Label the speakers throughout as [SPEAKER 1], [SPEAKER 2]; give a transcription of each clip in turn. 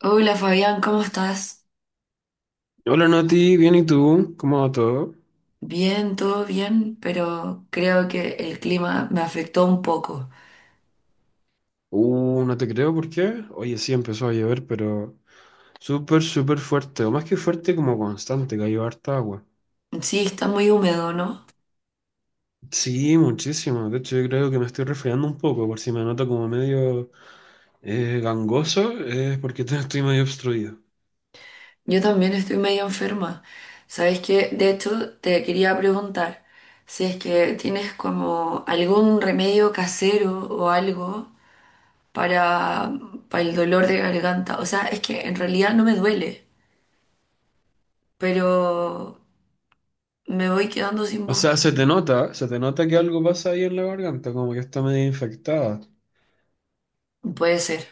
[SPEAKER 1] Hola Fabián, ¿cómo estás?
[SPEAKER 2] Hola Nati, bien, ¿y tú? ¿Cómo va todo?
[SPEAKER 1] Bien, todo bien, pero creo que el clima me afectó un poco.
[SPEAKER 2] No te creo, ¿por qué? Oye, sí empezó a llover, pero súper, súper fuerte, o más que fuerte, como constante, cayó harta agua.
[SPEAKER 1] Sí, está muy húmedo, ¿no?
[SPEAKER 2] Sí, muchísimo, de hecho yo creo que me estoy resfriando un poco, por si me noto como medio gangoso, es porque estoy medio obstruido.
[SPEAKER 1] Yo también estoy medio enferma. ¿Sabes qué? De hecho, te quería preguntar si es que tienes como algún remedio casero o algo para, para el dolor de garganta. O sea, es que en realidad no me duele, pero me voy quedando sin
[SPEAKER 2] O
[SPEAKER 1] voz.
[SPEAKER 2] sea, se te nota que algo pasa ahí en la garganta, como que está medio infectada.
[SPEAKER 1] Puede ser.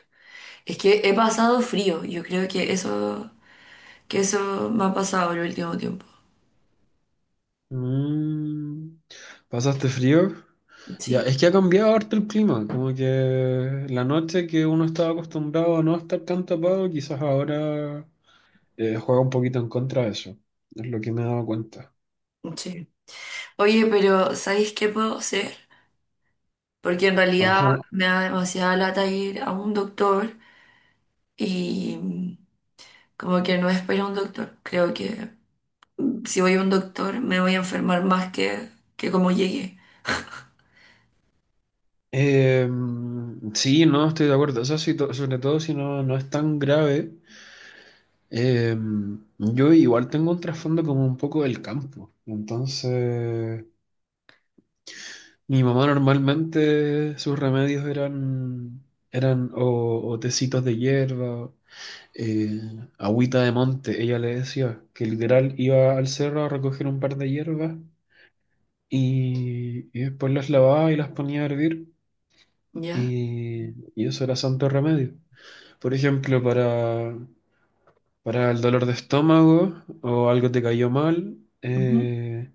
[SPEAKER 1] Es que he pasado frío, yo creo que eso... Que eso me ha pasado el último tiempo.
[SPEAKER 2] Mm, ¿pasaste frío? Ya,
[SPEAKER 1] Sí,
[SPEAKER 2] es que ha cambiado harto el clima, como que la noche que uno estaba acostumbrado a no estar tan tapado, quizás ahora juega un poquito en contra de eso, es lo que me he dado cuenta.
[SPEAKER 1] sí. Oye, pero ¿sabéis qué puedo hacer? Porque en realidad
[SPEAKER 2] Ajá.
[SPEAKER 1] me da demasiada lata ir a un doctor y como que no espero a un doctor. Creo que si voy a un doctor me voy a enfermar más que como llegué.
[SPEAKER 2] Eh, sí, no, estoy de acuerdo, eso sí, sobre todo si no es tan grave. Eh, yo igual tengo un trasfondo como un poco del campo, entonces mi mamá normalmente sus remedios eran o tecitos de hierba. eh, Agüita de monte, ella le decía, que literal iba al cerro a recoger un par de hierbas y después las lavaba y las ponía a hervir
[SPEAKER 1] Ya,
[SPEAKER 2] y, y eso era santo remedio. Por ejemplo, para el dolor de estómago o algo te cayó mal,
[SPEAKER 1] ujú,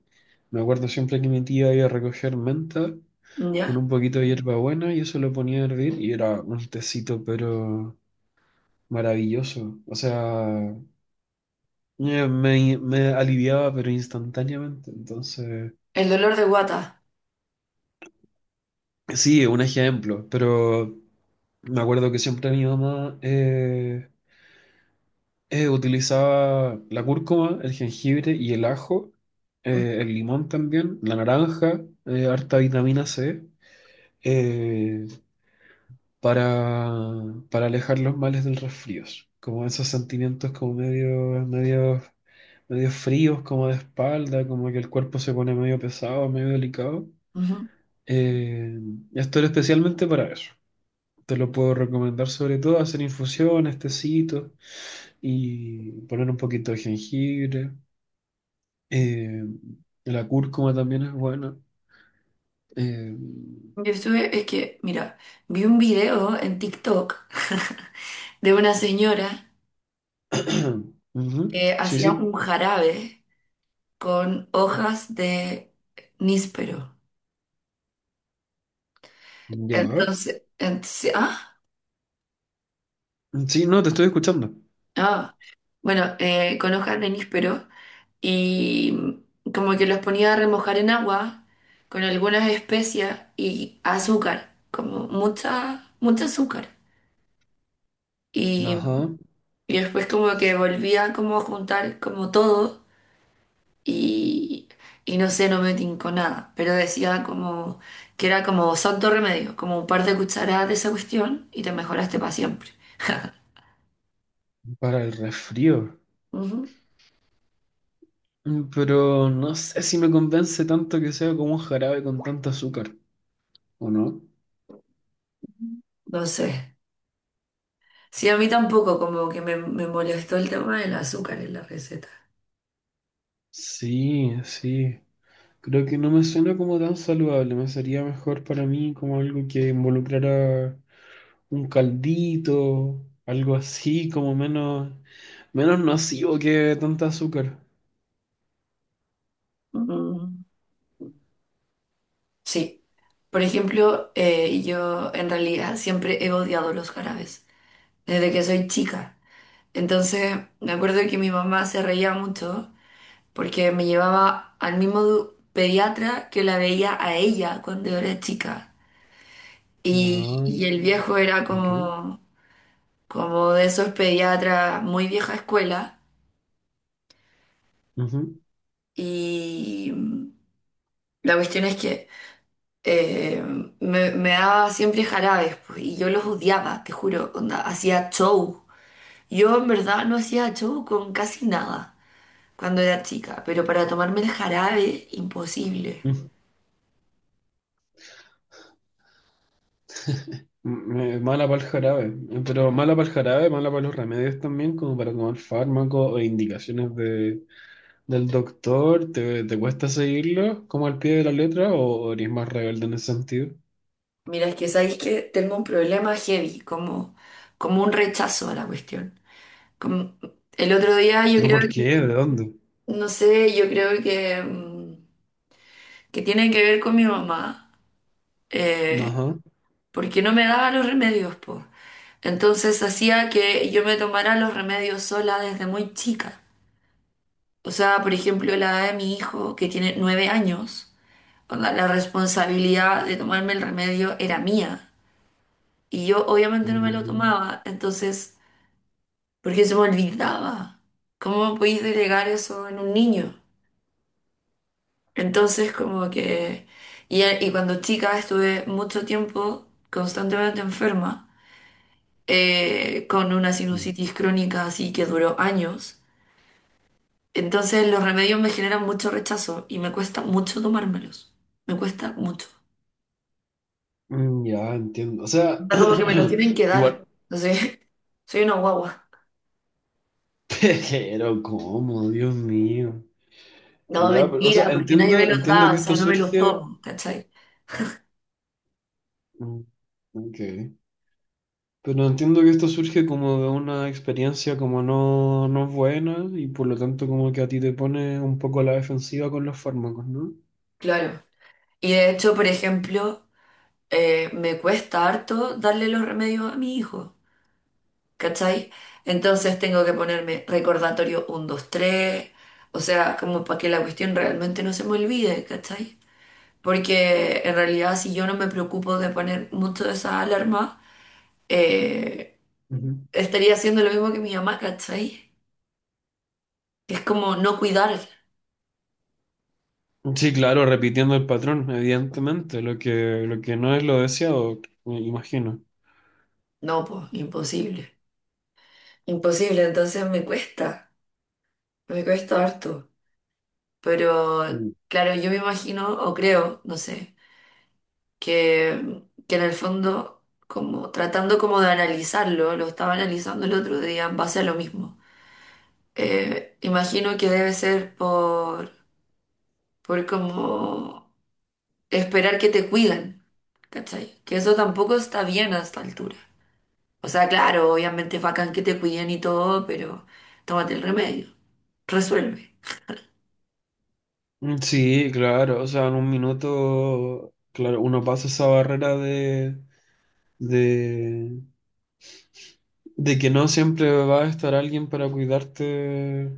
[SPEAKER 2] me acuerdo siempre que mi tía iba a recoger menta con
[SPEAKER 1] ya.
[SPEAKER 2] un poquito de hierbabuena y eso lo ponía a hervir y era un tecito pero maravilloso. O sea, me aliviaba, pero instantáneamente. Entonces,
[SPEAKER 1] El dolor de guata.
[SPEAKER 2] sí, es un ejemplo, pero me acuerdo que siempre mi mamá utilizaba la cúrcuma, el jengibre y el ajo,
[SPEAKER 1] Ujú.
[SPEAKER 2] el limón también, la naranja, harta vitamina C, eh, para, para alejar los males del resfrío. Como esos sentimientos como medio, medio, medio fríos, como de espalda, como que el cuerpo se pone medio pesado, medio delicado. Eh, Esto era especialmente para eso. Te lo puedo recomendar sobre todo hacer infusiones, tecitos y poner un poquito de jengibre. Eh, la cúrcuma también es buena. Eh,
[SPEAKER 1] Yo estuve, es que, mira, vi un video en TikTok de una señora
[SPEAKER 2] Ujú.
[SPEAKER 1] que
[SPEAKER 2] Sí,
[SPEAKER 1] hacía un
[SPEAKER 2] sí.
[SPEAKER 1] jarabe con hojas de níspero.
[SPEAKER 2] Ya.
[SPEAKER 1] Entonces, entonces- ah,
[SPEAKER 2] Sí, no, te estoy escuchando.
[SPEAKER 1] ah, bueno, con hojas de níspero y como que los ponía a remojar en agua con algunas especias y azúcar, como mucha azúcar. Y,
[SPEAKER 2] Ajá,
[SPEAKER 1] y después como que volvía como a juntar como todo y, y no sé, no me tincó nada, pero decía como que era como santo remedio, como un par de cucharadas de esa cuestión y te mejoraste para siempre.
[SPEAKER 2] para el resfrío.
[SPEAKER 1] Ujú.
[SPEAKER 2] Mm, pero no sé si me convence tanto que sea como un jarabe con tanto azúcar, ¿o no?
[SPEAKER 1] No sé. Sí, a mí tampoco, como que me molestó el tema del azúcar en la receta.
[SPEAKER 2] Sí, sí. Creo que no me suena como tan saludable, me sería mejor para mí como algo que involucrara un caldito, algo así, como menos, menos nocivo que tanta azúcar.
[SPEAKER 1] Mm, sí. Por ejemplo, yo en realidad siempre he odiado los jarabes, desde que soy chica. Entonces, me acuerdo que mi mamá se reía mucho porque me llevaba al mismo pediatra que la veía a ella cuando yo era chica. Y
[SPEAKER 2] No,
[SPEAKER 1] el viejo era
[SPEAKER 2] ok.
[SPEAKER 1] como, como de esos pediatras muy vieja escuela.
[SPEAKER 2] Ujú.
[SPEAKER 1] Y la cuestión es que eh, me daba siempre jarabes, pues, y yo los odiaba, te juro, onda, hacía show. Yo en verdad no hacía show con casi nada cuando era chica, pero para tomarme el jarabe, imposible.
[SPEAKER 2] Mm, mala para el jarabe, pero mala para el jarabe, mala para los remedios también, como para tomar fármacos o indicaciones de, del doctor, ¿te, te cuesta seguirlo como al pie de la letra o eres más rebelde en ese sentido?
[SPEAKER 1] Mira, es que sabéis que tengo un problema heavy, como, como un rechazo a la cuestión. Como- el otro día yo
[SPEAKER 2] ¿Pero
[SPEAKER 1] creo
[SPEAKER 2] por qué? ¿De dónde?
[SPEAKER 1] no sé, yo creo que tiene que ver con mi mamá, eh,
[SPEAKER 2] Ajá.
[SPEAKER 1] porque no me daba los remedios, pues. Entonces hacía que yo me tomara los remedios sola desde muy chica. O sea, por ejemplo, la edad de mi hijo, que tiene 9 años, onda, la responsabilidad de tomarme el remedio era mía. Y yo obviamente no me lo
[SPEAKER 2] Mm,
[SPEAKER 1] tomaba. Entonces porque se me olvidaba. ¿Cómo podéis delegar eso en un niño? Entonces, como que... Y, y cuando chica estuve mucho tiempo constantemente enferma, con una sinusitis crónica así que duró años. Entonces los remedios me generan mucho rechazo y me cuesta mucho tomármelos. Me cuesta mucho.
[SPEAKER 2] Ya entiendo. O
[SPEAKER 1] O
[SPEAKER 2] sea,
[SPEAKER 1] sea, como que me los tienen que dar.
[SPEAKER 2] igual,
[SPEAKER 1] Entonces, soy una guagua.
[SPEAKER 2] pero ¿cómo? Dios mío.
[SPEAKER 1] No,
[SPEAKER 2] Ya, pero, o sea,
[SPEAKER 1] mentira, porque nadie me
[SPEAKER 2] entiendo,
[SPEAKER 1] los
[SPEAKER 2] entiendo
[SPEAKER 1] da,
[SPEAKER 2] que
[SPEAKER 1] o
[SPEAKER 2] esto
[SPEAKER 1] sea, no me los
[SPEAKER 2] surge.
[SPEAKER 1] tomo, ¿cachai?
[SPEAKER 2] mm, Ok. Pero entiendo que esto surge como de una experiencia como no, no buena y por lo tanto como que a ti te pone un poco a la defensiva con los fármacos, ¿no?
[SPEAKER 1] Claro. Y de hecho, por ejemplo... me cuesta harto darle los remedios a mi hijo, ¿cachai? Entonces tengo que ponerme recordatorio uno 2 3, o sea, como para que la cuestión realmente no se me olvide, ¿cachai? Porque en realidad si yo no me preocupo de poner mucho de esa alarma, eh,
[SPEAKER 2] Ujú.
[SPEAKER 1] estaría haciendo lo mismo que mi mamá, ¿cachai? Es como no cuidar.
[SPEAKER 2] Sí, claro, repitiendo el patrón, evidentemente, lo que no es lo deseado, me imagino.
[SPEAKER 1] No, pues, imposible. Imposible, entonces me cuesta harto. Pero claro, yo me imagino, o creo, no sé, que, que en el fondo, como tratando como de analizarlo, lo estaba analizando el otro día en base a lo mismo. Imagino que debe ser por como esperar que te cuiden, ¿cachai? Que eso tampoco está bien a esta altura. O sea, claro, obviamente es bacán que te cuiden y todo, pero tómate el remedio, resuelve.
[SPEAKER 2] Mm, sí, claro, o sea, en un minuto, claro, uno pasa esa barrera de, de que no siempre va a estar alguien para cuidarte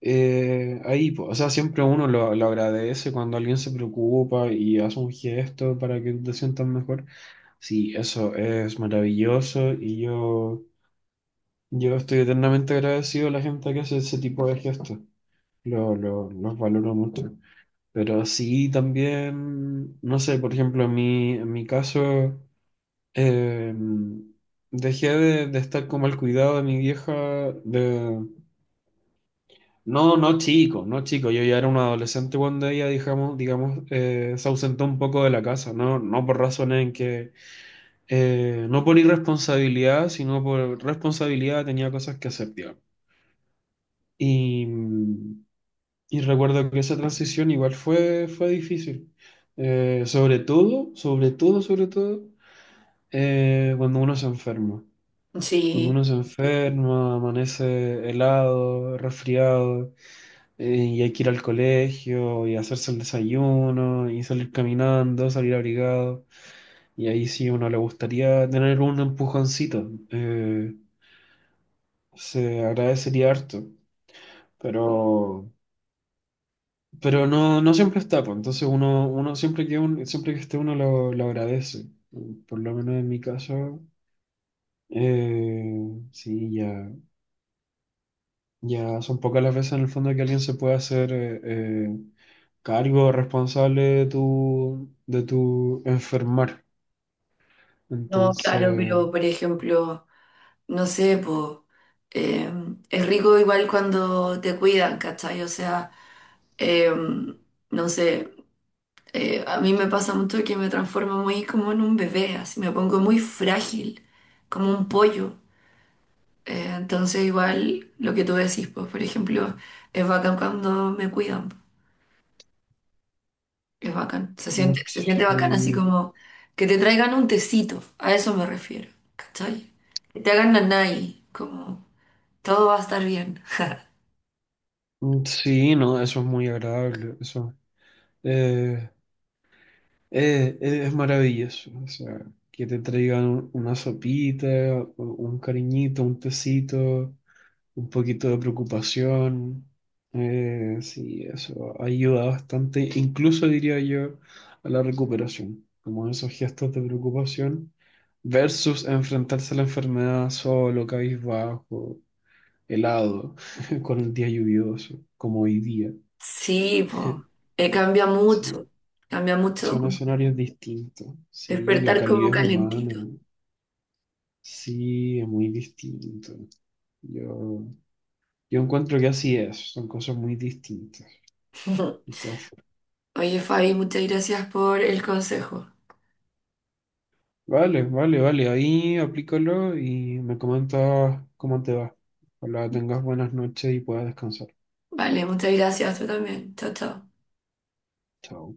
[SPEAKER 2] ahí, po. O sea, siempre uno lo agradece cuando alguien se preocupa y hace un gesto para que te sientas mejor. Sí, eso es maravilloso y yo estoy eternamente agradecido a la gente que hace ese tipo de gestos. Lo, los valoro mucho. Pero sí, también, no sé, por ejemplo, en mi caso, eh, dejé de estar como al cuidado de mi vieja, de... No, no chico, no chico, yo ya era un adolescente cuando ella, digamos, digamos se ausentó un poco de la casa, no, no por razones en que, no por irresponsabilidad, sino por responsabilidad tenía cosas que hacer, digamos. Y, y recuerdo que esa transición igual fue, fue difícil. Sobre todo, sobre todo, sobre todo, cuando uno se enferma. Cuando
[SPEAKER 1] Sí,
[SPEAKER 2] uno se enferma, amanece helado, resfriado, y hay que ir al colegio y hacerse el desayuno y salir caminando, salir abrigado. Y ahí sí uno le gustaría tener un empujoncito. Se agradecería harto. Pero Pero no, no siempre está, pues. Entonces uno, uno siempre que siempre que esté uno lo agradece. Por lo menos en mi caso, eh, sí, ya, ya son pocas las veces en el fondo que alguien se puede hacer cargo responsable de tu enfermar.
[SPEAKER 1] no, claro,
[SPEAKER 2] Entonces,
[SPEAKER 1] pero por ejemplo... no sé, pues es rico igual cuando te cuidan, ¿cachai? O sea, em, no sé, a mí me pasa mucho que me transformo muy como en un bebé, así me pongo muy frágil, como un pollo. Entonces igual lo que tú decís, pues por ejemplo, es bacán cuando me cuidan, es bacán,
[SPEAKER 2] mm,
[SPEAKER 1] se siente bacán así
[SPEAKER 2] sí,
[SPEAKER 1] como que te traigan un tecito, a eso me refiero, ¿cachai? Que te hagan nanay, como todo va a estar bien.
[SPEAKER 2] mm, sí, no, eso es muy agradable. Eso. Eh, es maravilloso, o sea, que te traigan una sopita, un cariñito, un tecito, un poquito de preocupación. Sí, eso ayuda bastante, incluso diría yo, a la recuperación, como esos gestos de preocupación versus enfrentarse a la enfermedad solo, cabizbajo, helado, con el día lluvioso, como hoy día.
[SPEAKER 1] Sí, po. Eh, cambia mucho,
[SPEAKER 2] Son,
[SPEAKER 1] Cambia mucho
[SPEAKER 2] Son
[SPEAKER 1] como
[SPEAKER 2] escenarios distintos, sí, la
[SPEAKER 1] despertar como
[SPEAKER 2] calidez humana.
[SPEAKER 1] calentito.
[SPEAKER 2] Sí, es muy distinto. Yo, yo encuentro que así es, son cosas muy distintas. De todas formas.
[SPEAKER 1] Oye, Fabi, muchas gracias por el consejo.
[SPEAKER 2] Vale, vale, vale, ahí aplícalo y me comentas cómo te va. Ojalá tengas buenas noches y puedas descansar.
[SPEAKER 1] Vale, muchas gracias, tú también. Chao, chao.
[SPEAKER 2] Chao.